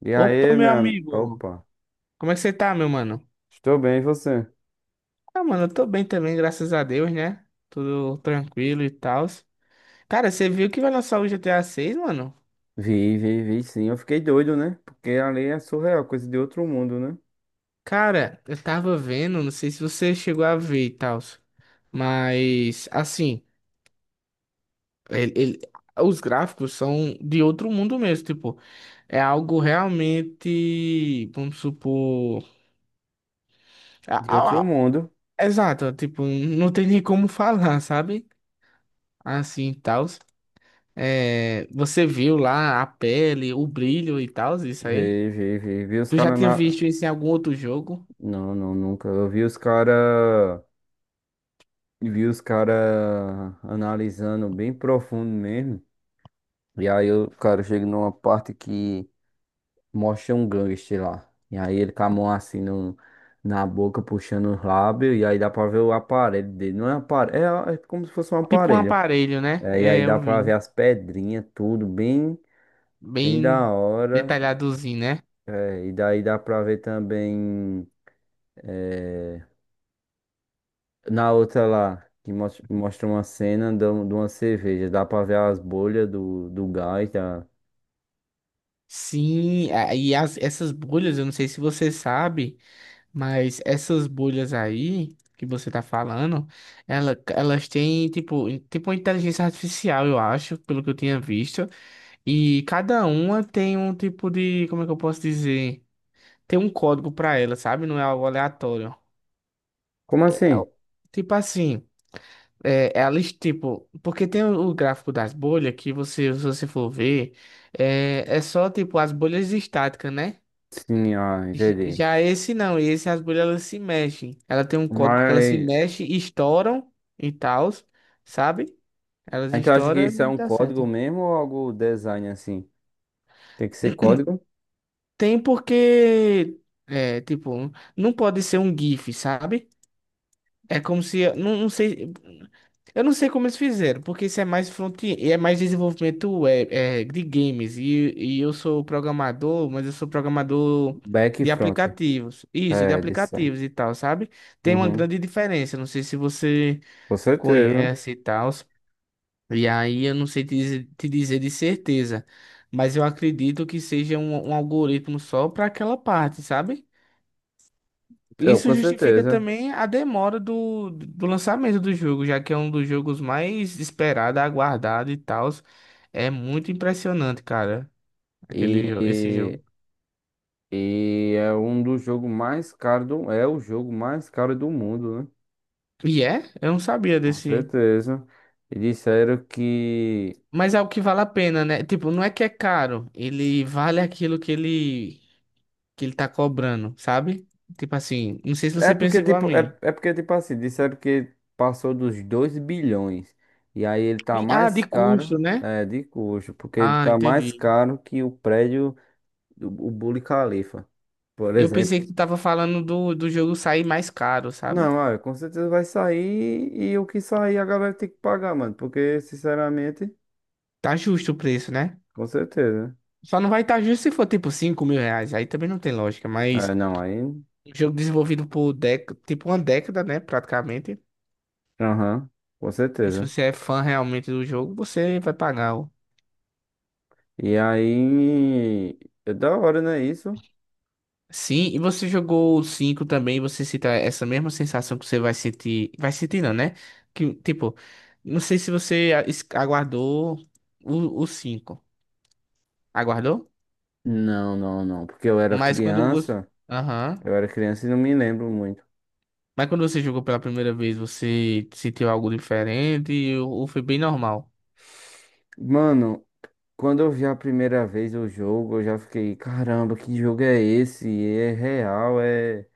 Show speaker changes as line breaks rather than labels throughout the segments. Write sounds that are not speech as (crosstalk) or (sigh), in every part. E
Opa,
aí,
meu
minha.
amigo.
Opa,
Como é que você tá, meu mano?
estou bem, e você?
Ah, mano, eu tô bem também, graças a Deus, né? Tudo tranquilo e tal. Cara, você viu que vai lançar o GTA 6, mano?
Vi, vi, vi, sim. Eu fiquei doido, né? Porque ali é surreal, coisa de outro mundo, né?
Cara, eu tava vendo, não sei se você chegou a ver e tal, mas assim, ele- ele- os gráficos são de outro mundo mesmo, tipo, é algo realmente, vamos supor, a-
De
a-
outro
a-
mundo.
exato, tipo, não tem nem como (laughs) falar, sabe? Assim, e tal. É, você viu lá a pele, o brilho e tal, isso aí?
Vi, vi, vi. Vi os
Tu já
caras
tinha
na.
visto isso em algum outro jogo?
Não, não, nunca. Eu vi os caras. Vi os caras analisando bem profundo mesmo. E aí, o cara chega numa parte que mostra um gangster lá. E aí, ele com a mão assim no na boca, puxando os lábios. E aí, dá pra ver o aparelho dele. Não é aparelho, é como se fosse um
Tipo um
aparelho.
aparelho, né?
É, e aí
É,
dá
eu
pra ver
vi.
as pedrinhas, tudo bem, bem
Bem
da hora.
detalhadozinho, né?
É, e daí dá pra ver também é, na outra lá, que mostra uma cena de de uma cerveja. Dá pra ver as bolhas do gás. Da.
Sim, e as, essas bolhas, eu não sei se você sabe, mas essas bolhas aí que você tá falando, elas têm tipo, tipo uma inteligência artificial, eu acho, pelo que eu tinha visto. E cada uma tem um tipo de, como é que eu posso dizer? Tem um código pra ela, sabe? Não é algo aleatório.
Como
É o-
assim?
tipo assim, é a lista, tipo, porque tem o gráfico das bolhas que você, se você for ver, é só tipo as bolhas estáticas, né?
Sim, ah, entendi.
Já esse não, esse as bolhas elas se mexem. Ela tem um código que
Mas
elas se mexem, estouram e tal, sabe? Elas
então acho que
estouram
isso é
e
um
tá
código
certo.
mesmo ou algo design assim? Tem que ser código
Tem porque, é, tipo, não pode ser um GIF, sabe? É como se. Não, não sei. Eu não sei como eles fizeram, porque isso é mais front-end, é mais desenvolvimento web, é, de games. E eu sou programador, mas eu sou programador
back e
de
front.
aplicativos. Isso, de
É, design.
aplicativos e tal, sabe? Tem uma
Uhum.
grande diferença. Não sei se você
Com certeza.
conhece e tal. E aí eu não sei te dizer de certeza. Mas eu acredito que seja um algoritmo só para aquela parte, sabe?
Eu,
Isso
com
justifica
certeza.
também a demora do lançamento do jogo, já que é um dos jogos mais esperado, aguardado e tal. É muito impressionante, cara, aquele, esse
E
jogo.
E é um dos jogos mais caros do, é o jogo mais caro do mundo, né?
E é? Eu não sabia
Com
desse.
certeza. E disseram que
Mas é o que vale a pena, né? Tipo, não é que é caro, ele vale aquilo que ele tá cobrando, sabe? Tipo assim, não sei se
é
você
porque
pensa igual a
tipo é,
mim.
é porque tipo assim, disseram que passou dos 2 bilhões. E aí ele tá
Ah,
mais
de
caro,
custo, né?
é, de custo, porque ele
Ah,
tá mais
entendi.
caro que o prédio do o Burj Khalifa, por
Eu
exemplo.
pensei que tu tava falando do jogo sair mais caro, sabe?
Não, olha, com certeza vai sair e o que sair a galera tem que pagar, mano, porque sinceramente,
Tá justo o preço, né?
com certeza.
Só não vai estar justo se for tipo R$ 5.000. Aí também não tem lógica.
Né?
Mas
É, não, aí
um jogo desenvolvido por déc tipo uma década, né? Praticamente.
aham, com
E se
certeza.
você é fã realmente do jogo, você vai pagar.
E aí, é da hora, né, isso?
Sim, e você jogou o 5 também, você cita essa mesma sensação que você vai sentir. Vai sentir, não, né? Que, tipo, não sei se você aguardou o 5. Aguardou?
Não, não, não, porque
Mas quando você. Aham.
eu era criança e não me lembro muito.
Mas quando você jogou pela primeira vez, você sentiu algo diferente ou foi bem normal?
Mano, quando eu vi a primeira vez o jogo, eu já fiquei, caramba, que jogo é esse? É real, é.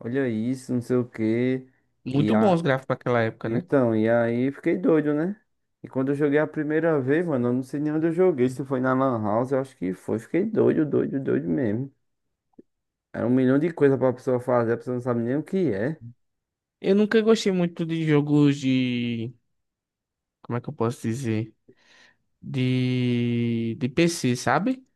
Olha isso, não sei o quê. E
Muito bons
a.
os gráficos para aquela época, né?
Então, e aí fiquei doido, né? E quando eu joguei a primeira vez, mano, eu não sei nem onde eu joguei, se foi na Lan House, eu acho que foi. Fiquei doido, doido, doido mesmo. É um milhão de coisas pra pessoa fazer, a pessoa não sabe nem o que é.
Eu nunca gostei muito de jogos de. Como é que eu posso dizer? De. De PC, sabe?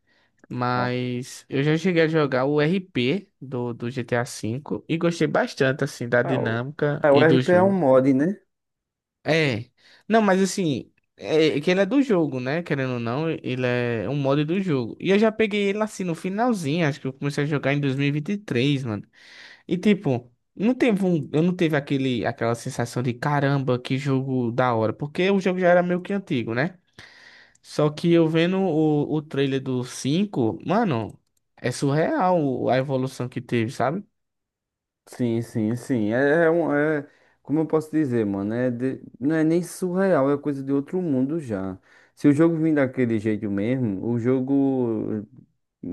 Não.
Mas eu já cheguei a jogar o RP do GTA V e gostei bastante, assim, da
Ah, o,
dinâmica
é, o
e
R
do
P é um
jogo.
mod, né?
É. Não, mas assim. É que ele é do jogo, né? Querendo ou não, ele é um mod do jogo. E eu já peguei ele assim no finalzinho, acho que eu comecei a jogar em 2023, mano. E tipo, não teve um, eu não teve aquele, aquela sensação de caramba, que jogo da hora, porque o jogo já era meio que antigo, né? Só que eu vendo o trailer do 5 mano, é surreal a evolução que teve, sabe?
Sim, sim, sim. É, é um. É, como eu posso dizer, mano? Não é nem surreal, é coisa de outro mundo já. Se o jogo vir daquele jeito mesmo, o jogo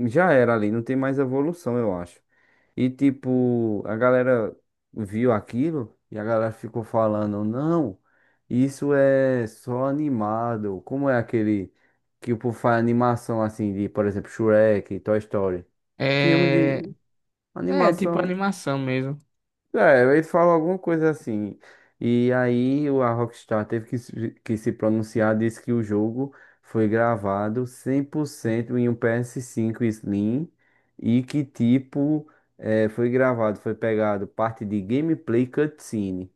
já era ali, não tem mais evolução, eu acho. E tipo, a galera viu aquilo e a galera ficou falando, não, isso é só animado. Como é aquele que o povo faz animação assim de, por exemplo, Shrek, Toy Story. Filme
É,
de
é tipo
animação.
animação mesmo.
É, ele falou alguma coisa assim. E aí a Rockstar teve que, que se pronunciar, disse que o jogo foi gravado 100% em um PS5 Slim e que tipo foi gravado, foi pegado parte de gameplay cutscene.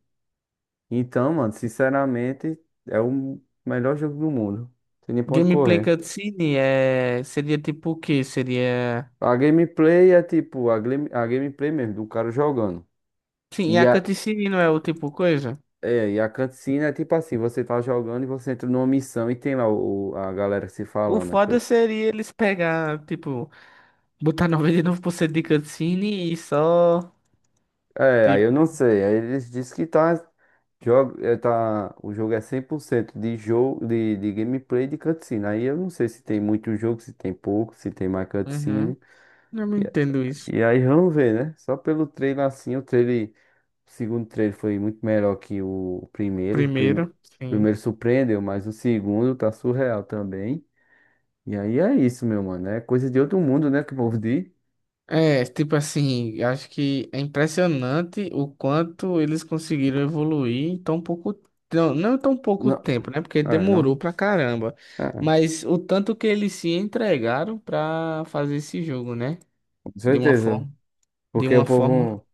Então, mano, sinceramente, é o melhor jogo do mundo. Tem nem ponto
Gameplay
correr.
cutscene é, seria tipo o quê? Seria.
A gameplay é tipo a, a gameplay mesmo, do cara jogando.
Sim, e
E,
a cutscene não é o tipo coisa?
é, e a cutscene é tipo assim, você tá jogando e você entra numa missão e tem lá o, a galera se
O
falando.
foda seria eles pegar, tipo, botar 99% de cutscene e só.
É, aí eu não
Tipo,
sei, aí eles dizem que tá, jogo, é, tá, o jogo é 100% de jogo, de gameplay de cutscene. Aí eu não sei se tem muito jogo, se tem pouco, se tem mais
uhum.
cutscene.
Eu não entendo isso.
E aí vamos ver, né? Só pelo trailer assim, o trailer, o segundo trailer foi muito melhor que o primeiro.
Primeiro,
O
sim.
primeiro surpreendeu, mas o segundo tá surreal também. E aí é isso, meu mano. É coisa de outro mundo, né? Que o povo diz.
É, tipo assim, acho que é impressionante o quanto eles conseguiram evoluir em tão pouco, não, não em tão pouco
Não,
tempo, né? Porque
é,
demorou
não.
pra caramba.
É,
Mas o tanto que eles se entregaram pra fazer esse jogo, né?
com
De uma
certeza.
forma, de
Porque
uma
o
forma.
povo.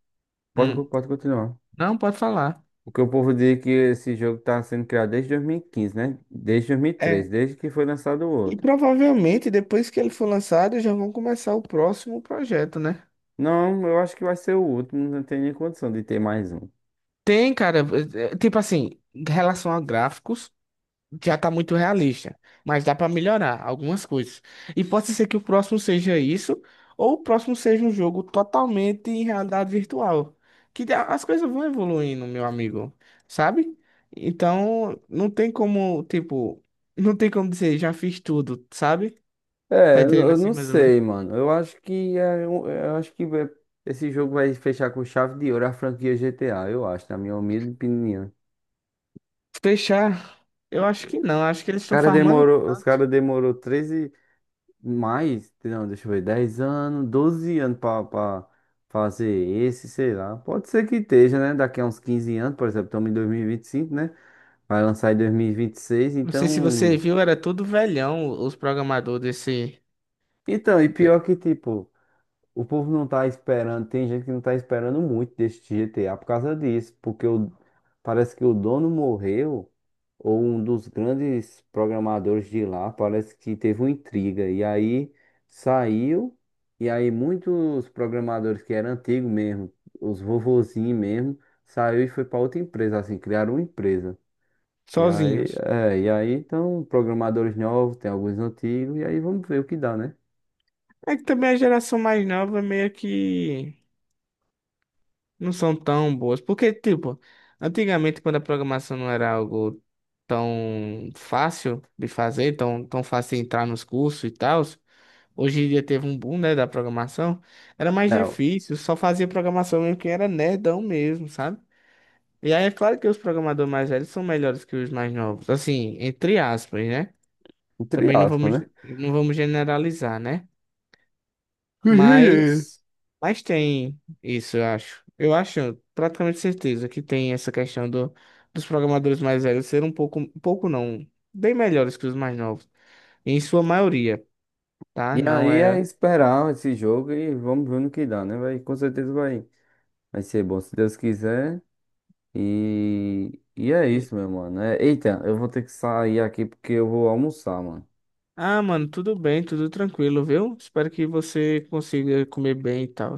Pode,
Hum.
pode continuar.
Não, pode falar.
Porque o povo diz é que esse jogo tá sendo criado desde 2015, né? Desde 2013,
É.
desde que foi lançado o
E
outro.
provavelmente depois que ele for lançado, já vão começar o próximo projeto, né?
Não, eu acho que vai ser o último. Não tem nem condição de ter mais um.
Tem, cara, tipo assim, em relação a gráficos, já tá muito realista, mas dá pra melhorar algumas coisas. E pode ser que o próximo seja isso, ou o próximo seja um jogo totalmente em realidade virtual. Que as coisas vão evoluindo, meu amigo, sabe? Então, não tem como, tipo, não tem como dizer, já fiz tudo, sabe?
É,
Tá
eu
entendendo
eu
assim,
não
mais ou menos?
sei, mano. Eu acho que é, um- eu acho que é- Esse jogo vai fechar com chave de ouro a franquia GTA, eu acho, na minha humilde opinião.
Fechar, eu acho que não, acho que eles estão farmando.
Os cara demorou 13 mais, não, deixa eu ver, 10 anos, 12 anos pra fazer esse, sei lá. Pode ser que esteja, né? Daqui a uns 15 anos, por exemplo, estamos em 2025 né? Vai lançar em 2026
Não sei se você
então.
viu, era tudo velhão os programadores desse
Então, e pior que, tipo. O povo não tá esperando, tem gente que não tá esperando muito desse GTA por causa disso, porque o, parece que o dono morreu, ou um dos grandes programadores de lá, parece que teve uma intriga, e aí saiu, e aí muitos programadores que eram antigos mesmo, os vovozinhos mesmo, saiu e foi para outra empresa, assim, criaram uma empresa. E aí,
sozinhos.
é, e aí então, programadores novos, tem alguns antigos, e aí vamos ver o que dá, né?
É que também a geração mais nova meio que não são tão boas, porque tipo, antigamente quando a programação não era algo tão fácil de fazer, tão fácil de entrar nos cursos e tal, hoje em dia teve um boom, né, da programação, era mais
É,
difícil, só fazia programação mesmo quem era nerdão mesmo, sabe? E aí é claro que os programadores mais velhos são melhores que os mais novos, assim, entre aspas, né?
entre
Também não
aspas,
vamos,
né?
não vamos generalizar, né?
(laughs)
Mas, mas tem isso, eu acho. Eu acho, praticamente certeza, que tem essa questão dos programadores mais velhos ser um pouco não, bem melhores que os mais novos. Em sua maioria, tá?
E
Não
aí é
é.
esperar esse jogo e vamos ver no que dá, né? Vai, com certeza vai, vai ser bom, se Deus quiser. E é isso, meu mano. É, eita, eu vou ter que sair aqui porque eu vou almoçar, mano.
Ah, mano, tudo bem, tudo tranquilo, viu? Espero que você consiga comer bem e tal.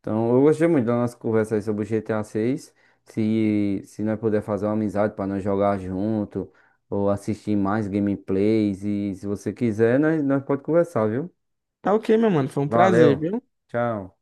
Então, eu gostei muito da nossa conversa aí sobre o GTA 6. Se nós puder fazer uma amizade para nós jogar junto ou assistir mais gameplays. E se você quiser, nós pode conversar, viu?
Tá ok, meu mano, foi um prazer,
Valeu,
viu?
tchau.